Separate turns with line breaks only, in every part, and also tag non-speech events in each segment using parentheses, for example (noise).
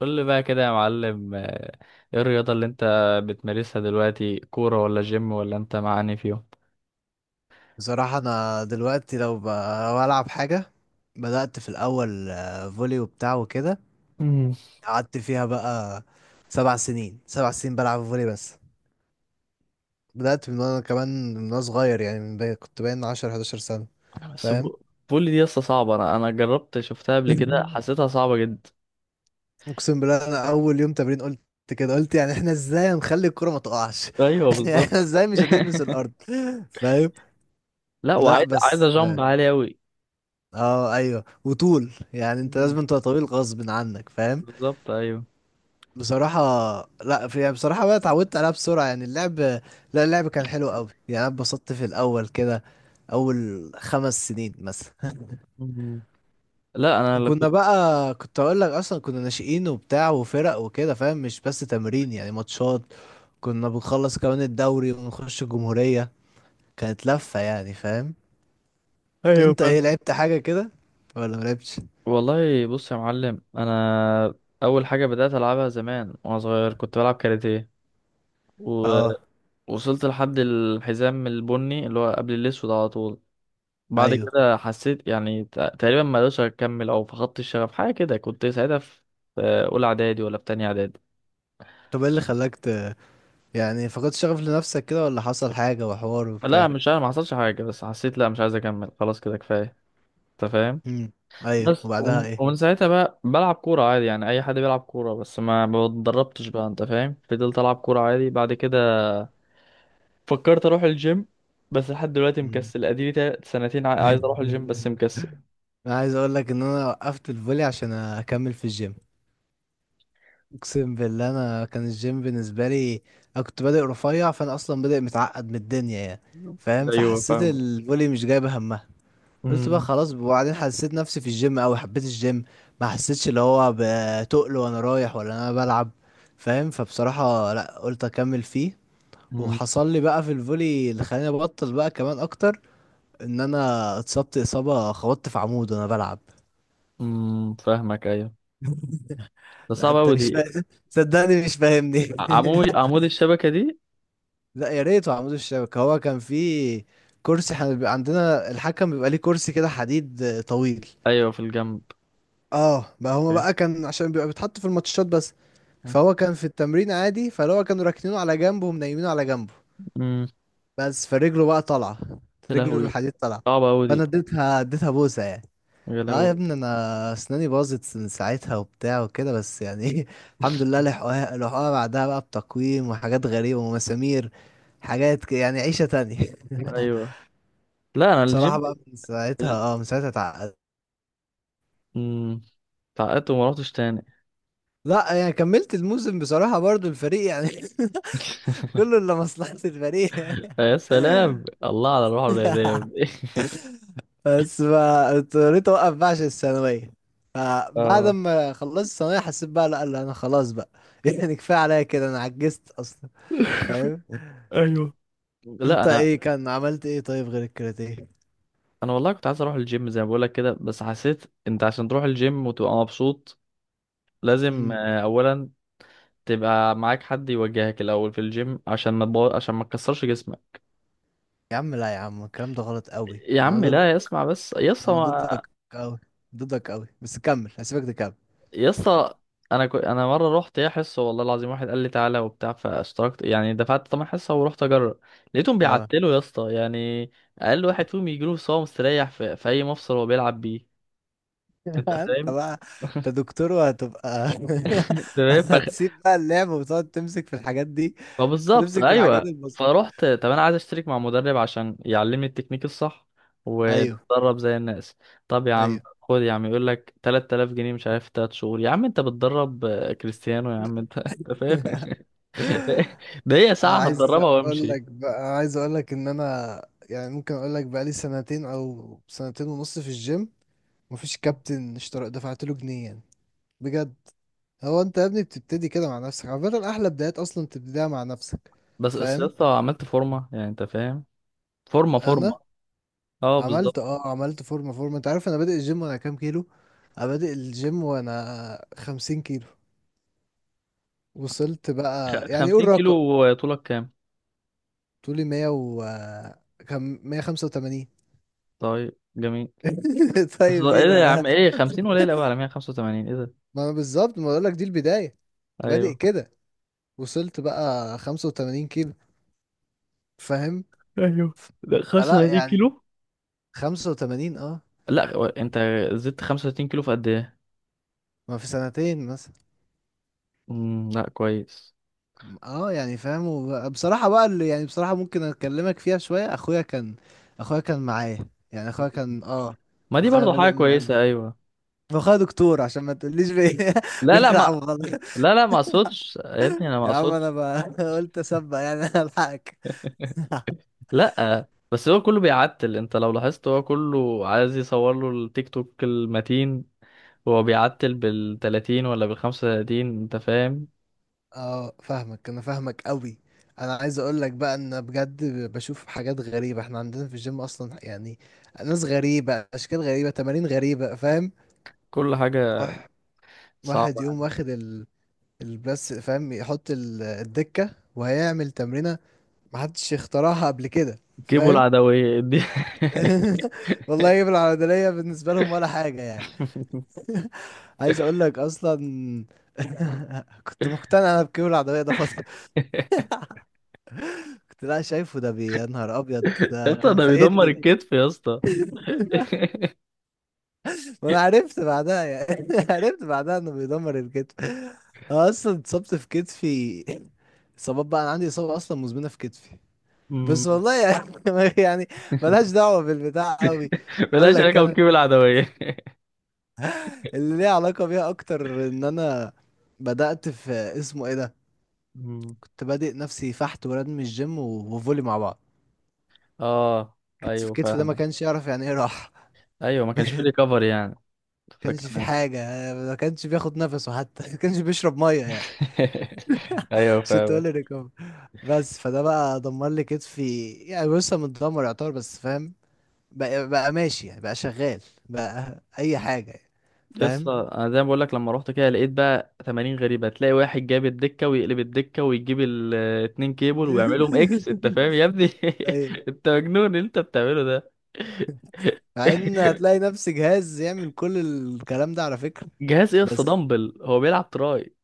قول لي بقى كده يا معلم، ايه الرياضة اللي انت بتمارسها دلوقتي؟ كورة ولا جيم، ولا انت معاني فيهم؟
بصراحة أنا دلوقتي لو ألعب حاجة. بدأت في الأول، فولي وبتاع وكده.
مم.
قعدت فيها بقى سبع سنين بلعب فولي بس. بدأت من وأنا صغير، يعني كنت باين 10 أو 11 سنة.
بس
فاهم؟
فول دي لسه صعبة. انا جربت، شفتها قبل كده،
(laughs)
حسيتها صعبة جدا.
أقسم بالله أنا أول يوم تمرين قلت كده، قلت يعني احنا ازاي هنخلي الكرة ما تقعش؟
ايوه
(laughs) يعني
بالظبط.
احنا ازاي مش هتلمس
(laughs)
الأرض. فاهم؟
لا،
لا
عايزة
بس.
جامب عالي اوي.
اه ايوه، وطول، يعني انت
مم.
لازم تبقى طويل غصب عنك. فاهم؟
بالظبط ايوه.
بصراحة لا، في يعني، بصراحة بقى اتعودت عليها بسرعة، يعني اللعب. لا، اللعب كان حلو قوي يعني، انا اتبسطت في الاول كده، اول 5 سنين مثلا.
مم. لا انا
(laughs)
اللي
كنا
كنت.
بقى، كنت اقول لك، اصلا كنا ناشئين وبتاع وفرق وكده. فاهم؟ مش بس تمرين، يعني ماتشات. كنا بنخلص كمان الدوري ونخش الجمهورية. كانت لفة يعني. فاهم؟
ايوه
انت
فاهم.
ايه، لعبت حاجة كده ولا ملعبتش؟
والله بص يا معلم، انا اول حاجة بدأت العبها زمان وانا صغير كنت بلعب كاراتيه.
اه،
وصلت لحد الحزام البني اللي هو قبل الأسود على طول. بعد
ايوه.
كده حسيت يعني تقريبا ما قدرتش أكمل أو فقدت الشغف، حاجة كده. كنت ساعتها في أولى إعدادي ولا في تانية إعدادي.
طب ايه اللي يعني فقدت شغف لنفسك كده، ولا حصل حاجة وحوار
لا
وبتاع؟
مش عارف، ما حصلش حاجة، بس حسيت لا، مش عايز أكمل، خلاص كده كفاية. أنت فاهم.
امم ايوه،
بس
وبعدها
ومن,
ايه؟
ومن ساعتها بقى بلعب كورة عادي، يعني أي حد بيلعب كورة، بس ما اتدربتش بقى. أنت فاهم. فضلت ألعب كورة عادي بعد كده. فكرت أروح الجيم، بس لحد دلوقتي
مم.
مكسل. أديلي سنتين عايز أروح الجيم بس
(laughs)
مكسل.
انا عايز اقول لك ان انا وقفت الفولي عشان اكمل في الجيم. اقسم بالله انا، كان الجيم بالنسبه لي، انا كنت بادئ رفيع، فانا اصلا بادئ متعقد من الدنيا يعني. فاهم؟
أيوه
فحسيت الفولي مش جايبه همها. قلت بقى
فاهم.
خلاص. وبعدين حسيت نفسي في الجيم اوي، حبيت الجيم. ما حسيتش اللي هو بتقل وانا رايح، ولا انا بلعب. فاهم؟ فبصراحه لا، قلت اكمل فيه.
مم.
وحصل لي بقى في الفولي اللي خلاني ابطل بقى كمان اكتر، ان انا اتصبت اصابه، خبطت في عمود وانا بلعب.
مم. فاهمك ايوه. ده
لا
صعب
انت
اوي دي.
مش فاهم، صدقني مش فاهمني.
عمود الشبكة دي؟
(laughs) لا يا ريت عمود الشبكه. هو كان في كرسي، احنا بيبقى عندنا الحكم بيبقى ليه كرسي كده حديد، طويل.
ايوه في الجنب.
اه، بقى هما بقى كان عشان بيبقى بيتحط في الماتشات بس. فهو كان في التمرين عادي، فاللي هو كانوا راكنينه على جنبه، ومنيمينه على جنبه،
امم.
بس فرجله بقى طالعه.
يا
رجله
لهوي.
الحديد طالعه.
صعبة اوي
فانا
دي.
اديتها بوسه يعني.
يا
اه يا
لهوي.
ابني، انا اسناني باظت من ساعتها وبتاع وكده، بس يعني ايه. (laughs) الحمد لله
(laughs)
لحقوها، لحقوها بعدها بقى بتقويم وحاجات غريبة ومسامير. يعني عيشة تانية. (laughs)
ايوه. لا انا
بصراحة
الجيم.
بقى من ساعتها،
ال...
من ساعتها اتعقدت.
مم. اتعقدت وما رحتش تاني.
لا يعني كملت الموسم بصراحة، برضو الفريق يعني. (laughs)
(laughs)
كله الا مصلحة الفريق.
يا سلام، الله على الروح الرياضية
(laughs)
دي.
(laughs)
(laughs)
بس ما اضطريت اوقف بقى عشان الثانويه. فبعد
اه
ما خلصت الثانويه حسيت بقى لا لا، انا خلاص بقى. (laughs) يعني كفايه عليا كده، انا عجزت اصلا. فاهم؟
ايوه. لا
انت
انا
ايه كان، عملت ايه طيب غير الكاراتيه؟
والله كنت عايز اروح الجيم زي ما بقولك كده، بس حسيت انت عشان تروح الجيم وتبقى مبسوط لازم
امم
اولا تبقى معاك حد يوجهك الاول في الجيم، عشان ما تكسرش جسمك.
يا عم لا، يا عم الكلام ده غلط قوي،
يا
انا
عم
ضد.
لا، اسمع بس يا اسطى
انا ضدك قوي، ضدك قوي. بس كمل، هسيبك تكمل.
يا اسطى. انا مره رحت ايه حصه، والله العظيم، واحد قال لي تعالى وبتاع، فاشتركت يعني، دفعت ثمن حصه ورحت اجرب. لقيتهم
اه.
بيعتلوا يا اسطى يعني. اقل واحد فيهم يجيله صوم، مستريح في اي مفصل هو بيلعب بيه.
(laughs)
انت
انت
فاهم.
بقى، انت دكتور وهتبقى. (laughs)
(laughs) انت فاهم.
هتسيب بقى اللعب وتقعد تمسك في الحاجات دي،
ما بالظبط
تمسك في الحاجات
ايوه.
البسيطه.
فروحت، طب انا عايز اشترك مع مدرب عشان يعلمني التكنيك الصح
ايوه.
ونتدرب زي الناس. طب يا عم،
ايوه،
خد يا عم، يقول لك 3000 جنيه مش عارف 3 شهور. يا عم انت بتدرب كريستيانو يا عم انت. (laughs) انت فاهم. (laughs) ده هي ساعة
عايز
هتدربها
اقول
وامشي.
لك بقى عايز اقول لك ان انا، يعني ممكن اقول لك بقى لي سنتين او سنتين ونص في الجيم. مفيش كابتن اشترى دفعت له جنيه يعني. بجد. هو انت يا ابني بتبتدي كده مع نفسك عامه، احلى بدايات اصلا تبتديها مع نفسك.
بس يا
فاهم؟
اسطى عملت فورمة يعني انت فاهم. فورمة فورمة.
انا
اه
عملت،
بالظبط.
عملت فورمه فورمه. انت عارف انا بادئ الجيم وانا كام كيلو؟ انا بادئ الجيم وانا 50 كيلو. وصلت بقى، يعني قول
50
رقم.
كيلو، طولك كام؟
طولي مية و كم؟ 185.
طيب جميل.
(laughs)
بس
طيب ايه
ايه ده يا
ده؟
عم؟ ايه 50؟
(laughs)
قليل قوي على 185. ايه ده؟
ما أنا بالظبط، ما بقولك دي البداية، بادئ
ايوه.
كده. وصلت بقى 85 كيلو. فاهم؟
ايوه ده
فلا
35
يعني،
كيلو.
85. اه،
لا، هو انت زدت 35 كيلو في قد ايه؟
ما في سنتين مثلا.
لا كويس.
اه يعني، فاهم؟ بصراحة بقى اللي يعني، بصراحة ممكن اكلمك فيها شوية. اخويا كان معايا، يعني اخويا كان
ما دي
اخويا
برضو حاجة
بادئ من قبل.
كويسة، ايوه.
واخويا دكتور، عشان ما تقوليش (laughs)
لا لا
بيلعب
ما
غلط.
لا لا، ما اقصدش يا ابني، انا ما
يا عم انا
اقصدش.
بقى (laughs) قلت اسبق يعني، أنا الحقك.
لا بس هو كله بيعتل، انت لو لاحظت هو كله عايز يصور له التيك توك المتين. هو بيعتل بال 30 ولا بال 35، انت فاهم؟
اه فاهمك، فاهمك قوي. انا عايز اقول لك بقى ان بجد بشوف حاجات غريبة احنا عندنا في الجيم اصلا يعني. ناس غريبة، اشكال غريبة، تمارين غريبة. فاهم؟
كل حاجة
واحد واحد
صعبة.
يقوم واخد البس، فاهم، يحط الدكة وهيعمل تمرينة محدش اخترعها قبل كده.
جيبوا
فاهم؟
العدوية دي. (laughs)
(laughs) والله يجيب العضلية بالنسبة لهم ولا حاجة يعني. (laughs) عايز اقول لك اصلا. (laughs) كنت مقتنع انا بكيبل العضلية ده فترة، كنت لا شايفه ده يا نهار ابيض
يا
ده
اسطى
كان
ده بيدمر
فايتني ده.
الكتف يا اسطى. (laughs)
وانا عرفت بعدها يعني (laughs) عرفت بعدها انه بيدمر الكتف. أنا اصلا اتصبت في كتفي. اصابات بقى، انا عندي اصابه اصلا مزمنه في كتفي.
مم.
بس والله يعني (laughs) يعني
(laughs)
ملهاش دعوه بالبتاع قوي. اقول
بلاش عليك
لك انا
وجيب العدوية. (laughs)
اللي ليه علاقه بيها اكتر، ان انا بدات في اسمه ايه ده.
مم.
كنت بادئ نفسي فحت وردم الجيم وفولي مع بعض.
اه
كتف
ايوه
كتفي ده ما
فاهمك.
كانش يعرف يعني ايه راحه.
ايوه ما
(laughs)
كانش في
بجد.
ريكفري يعني.
كانش في
فكان.
حاجة، ما كانش بياخد نفسه حتى (laughs) ما كانش بيشرب مية يعني
(laughs) ايوه
عشان تقول
فاهمك.
لي ريكفري. بس فده بقى دمر لي كتفي، يعني لسه متدمر يعتبر بس. فاهم؟ بقى ماشي، يعني بقى شغال، بقى أي حاجة يعني.
يس
فاهم؟
انا زي ما بقول لك، لما رحت كده لقيت بقى تمارين غريبه. تلاقي واحد جاب الدكه ويقلب الدكه ويجيب الاتنين كيبل ويعملهم اكس. انت
(laughs)
فاهم يا ابني.
ايوه،
(laughs) انت مجنون اللي انت بتعمله ده.
مع ان
(laughs)
هتلاقي نفس جهاز يعمل كل الكلام ده على فكرة.
جهاز ايه يا اسطى؟
بس،
دمبل. هو بيلعب تراي.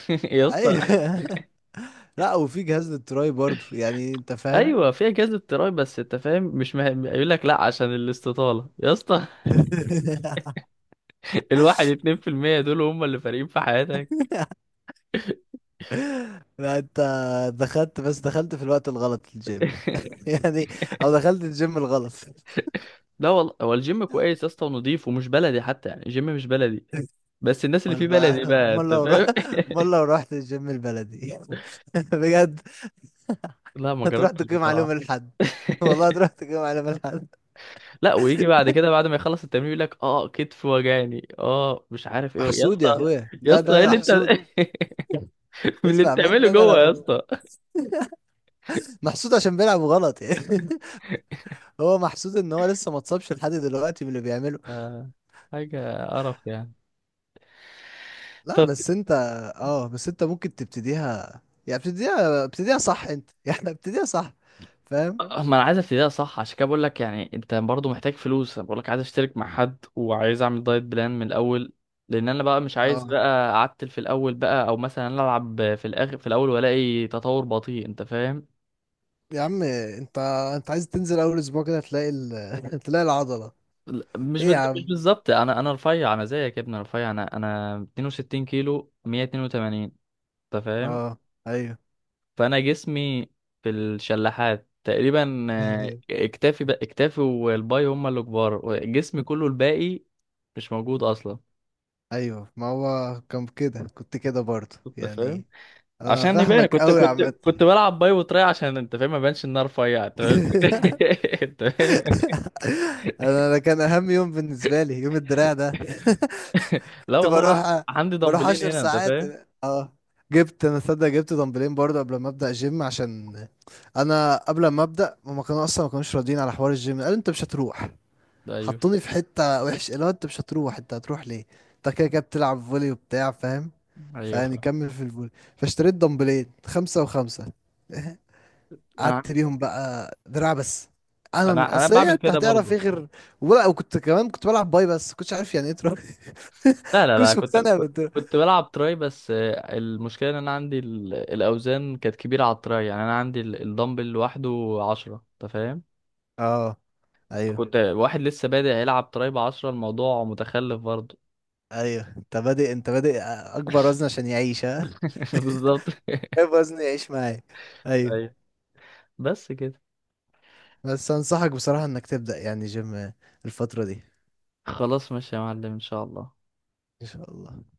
(laughs) يا اسطى.
ايوه. (laughs) لا، وفي جهاز للتراي برضه، يعني انت فاهم؟
ايوه في اجهزه تراي، بس انت فاهم مش مهم، يقول لك لا عشان الاستطاله يا اسطى.
(laughs)
(laughs) الواحد 2% دول هم اللي فارقين في حياتك.
لا انت، دخلت في الوقت الغلط الجيم. (laughs) يعني، او دخلت الجيم الغلط.
لا والله هو الجيم كويس يا اسطى، ونضيف، ومش بلدي حتى يعني، الجيم مش بلدي. بس الناس اللي
امال
فيه بلدي
بقى،
بقى،
امال
انت
لو رحت
فاهم.
امال لو رحت الجيم البلدي. (laughs) بجد.
(laughs) لا ما
هتروح
جربتش
تقيم عليهم
بصراحة.
الحد. والله
(laughs)
هتروح تقيم عليهم الحد.
لا، ويجي بعد كده بعد ما يخلص التمرين يقول لك اه كتف وجعني، اه مش عارف ايه يا
محسود يا
اسطى.
اخويا،
يا
لا ده
اسطى، ايه
ايوه
اللي انت؟
محسود.
(laughs) من اللي
اسمع
بتعمله
مني، انا
جوه يا
لو
اسطى؟
محسود عشان بيلعب غلط يعني. (laughs) هو محسود ان هو لسه ما اتصابش لحد دلوقتي من اللي بيعمله.
آه، حاجة قرف يعني.
لا
طب.
بس انت، اه بس انت ممكن تبتديها، يعني ابتديها، ابتديها صح. انت (laughs) يعني ابتديها صح. فاهم؟
ما انا عايز ابتديها صح، عشان كده بقول لك يعني. انت برضو محتاج فلوس، انا بقول لك عايز اشترك مع حد وعايز اعمل دايت بلان من الاول. لان انا بقى مش عايز
اه
بقى اعتل في الاول بقى، او مثلا العب في الاخر، في الاول والاقي تطور بطيء انت فاهم.
يا عم. انت، انت عايز تنزل اول اسبوع كده تلاقي (laughs) تلاقي العضلة.
لا،
ايه يا
مش
عم؟
بالظبط. انا رفيع، انا زيك يا ابني، انا رفيع. انا 62 كيلو، 182. انت فاهم.
اه. ايوه.
فانا جسمي في الشلاحات تقريبا،
(laughs)
اكتافي بقى، اكتافي والباي هما اللي كبار، جسمي كله الباقي مش موجود اصلا.
ايوه، ما هو كان كده، كنت كده برضه
انت فاهم.
يعني. انا
عشان يبان
فاهمك
كنت
قوي يا
كنت
عم. (laughs)
كنت بلعب باي وتراي عشان انت فاهم ما يبانش ان انا رفيع. انت فاهم. (laughs) انت فاهم.
أنا كان اهم يوم بالنسبة لي يوم الدراع ده. (laughs)
لا
كنت
والله
بروح،
عندي دمبلين
10
هنا انت
ساعات.
فاهم.
اه. جبت انا، صدق جبت دمبلين برضه قبل ما ابدا جيم، عشان انا قبل ما ابدا هما كانوا اصلا ما كانوش راضيين على حوار الجيم. قالوا انت مش هتروح،
ده ايوه.
حطوني في حته وحش، اللي هو انت مش هتروح، انت هتروح ليه؟ انت كده كده بتلعب فولي وبتاع. فاهم؟
ايوه
فيعني
فاهم.
كمل في الفولي. فاشتريت دمبلين 5 و5،
انا
قعدت
عن-
ليهم بقى دراع بس. انا مش
انا
اصل إيه،
بعمل
انت
كده
هتعرف ايه
برضو.
غير؟ ولا، وكنت كمان كنت بلعب باي بس، كنتش عارف يعني ايه تروح.
لا
(laughs)
لا لا،
كنتش مقتنع بالدراع.
كنت بلعب تراي بس، المشكله ان انا عندي الاوزان كانت كبيره على التراي، يعني انا عندي الدمبل لوحده 10 انت فاهم.
اه، ايوه.
فكنت واحد لسه بادئ يلعب تراي ب 10، الموضوع متخلف برضه.
ايوه، انت بادئ اكبر وزن عشان يعيش ها. (laughs)
(laughs) بالظبط
ايه وزن يعيش معايا. ايوه.
ايوه. بس كده.
بس انصحك بصراحة انك تبدأ يعني جيم الفترة دي.
خلاص ماشي يا معلم ان شاء الله.
ان شاء الله.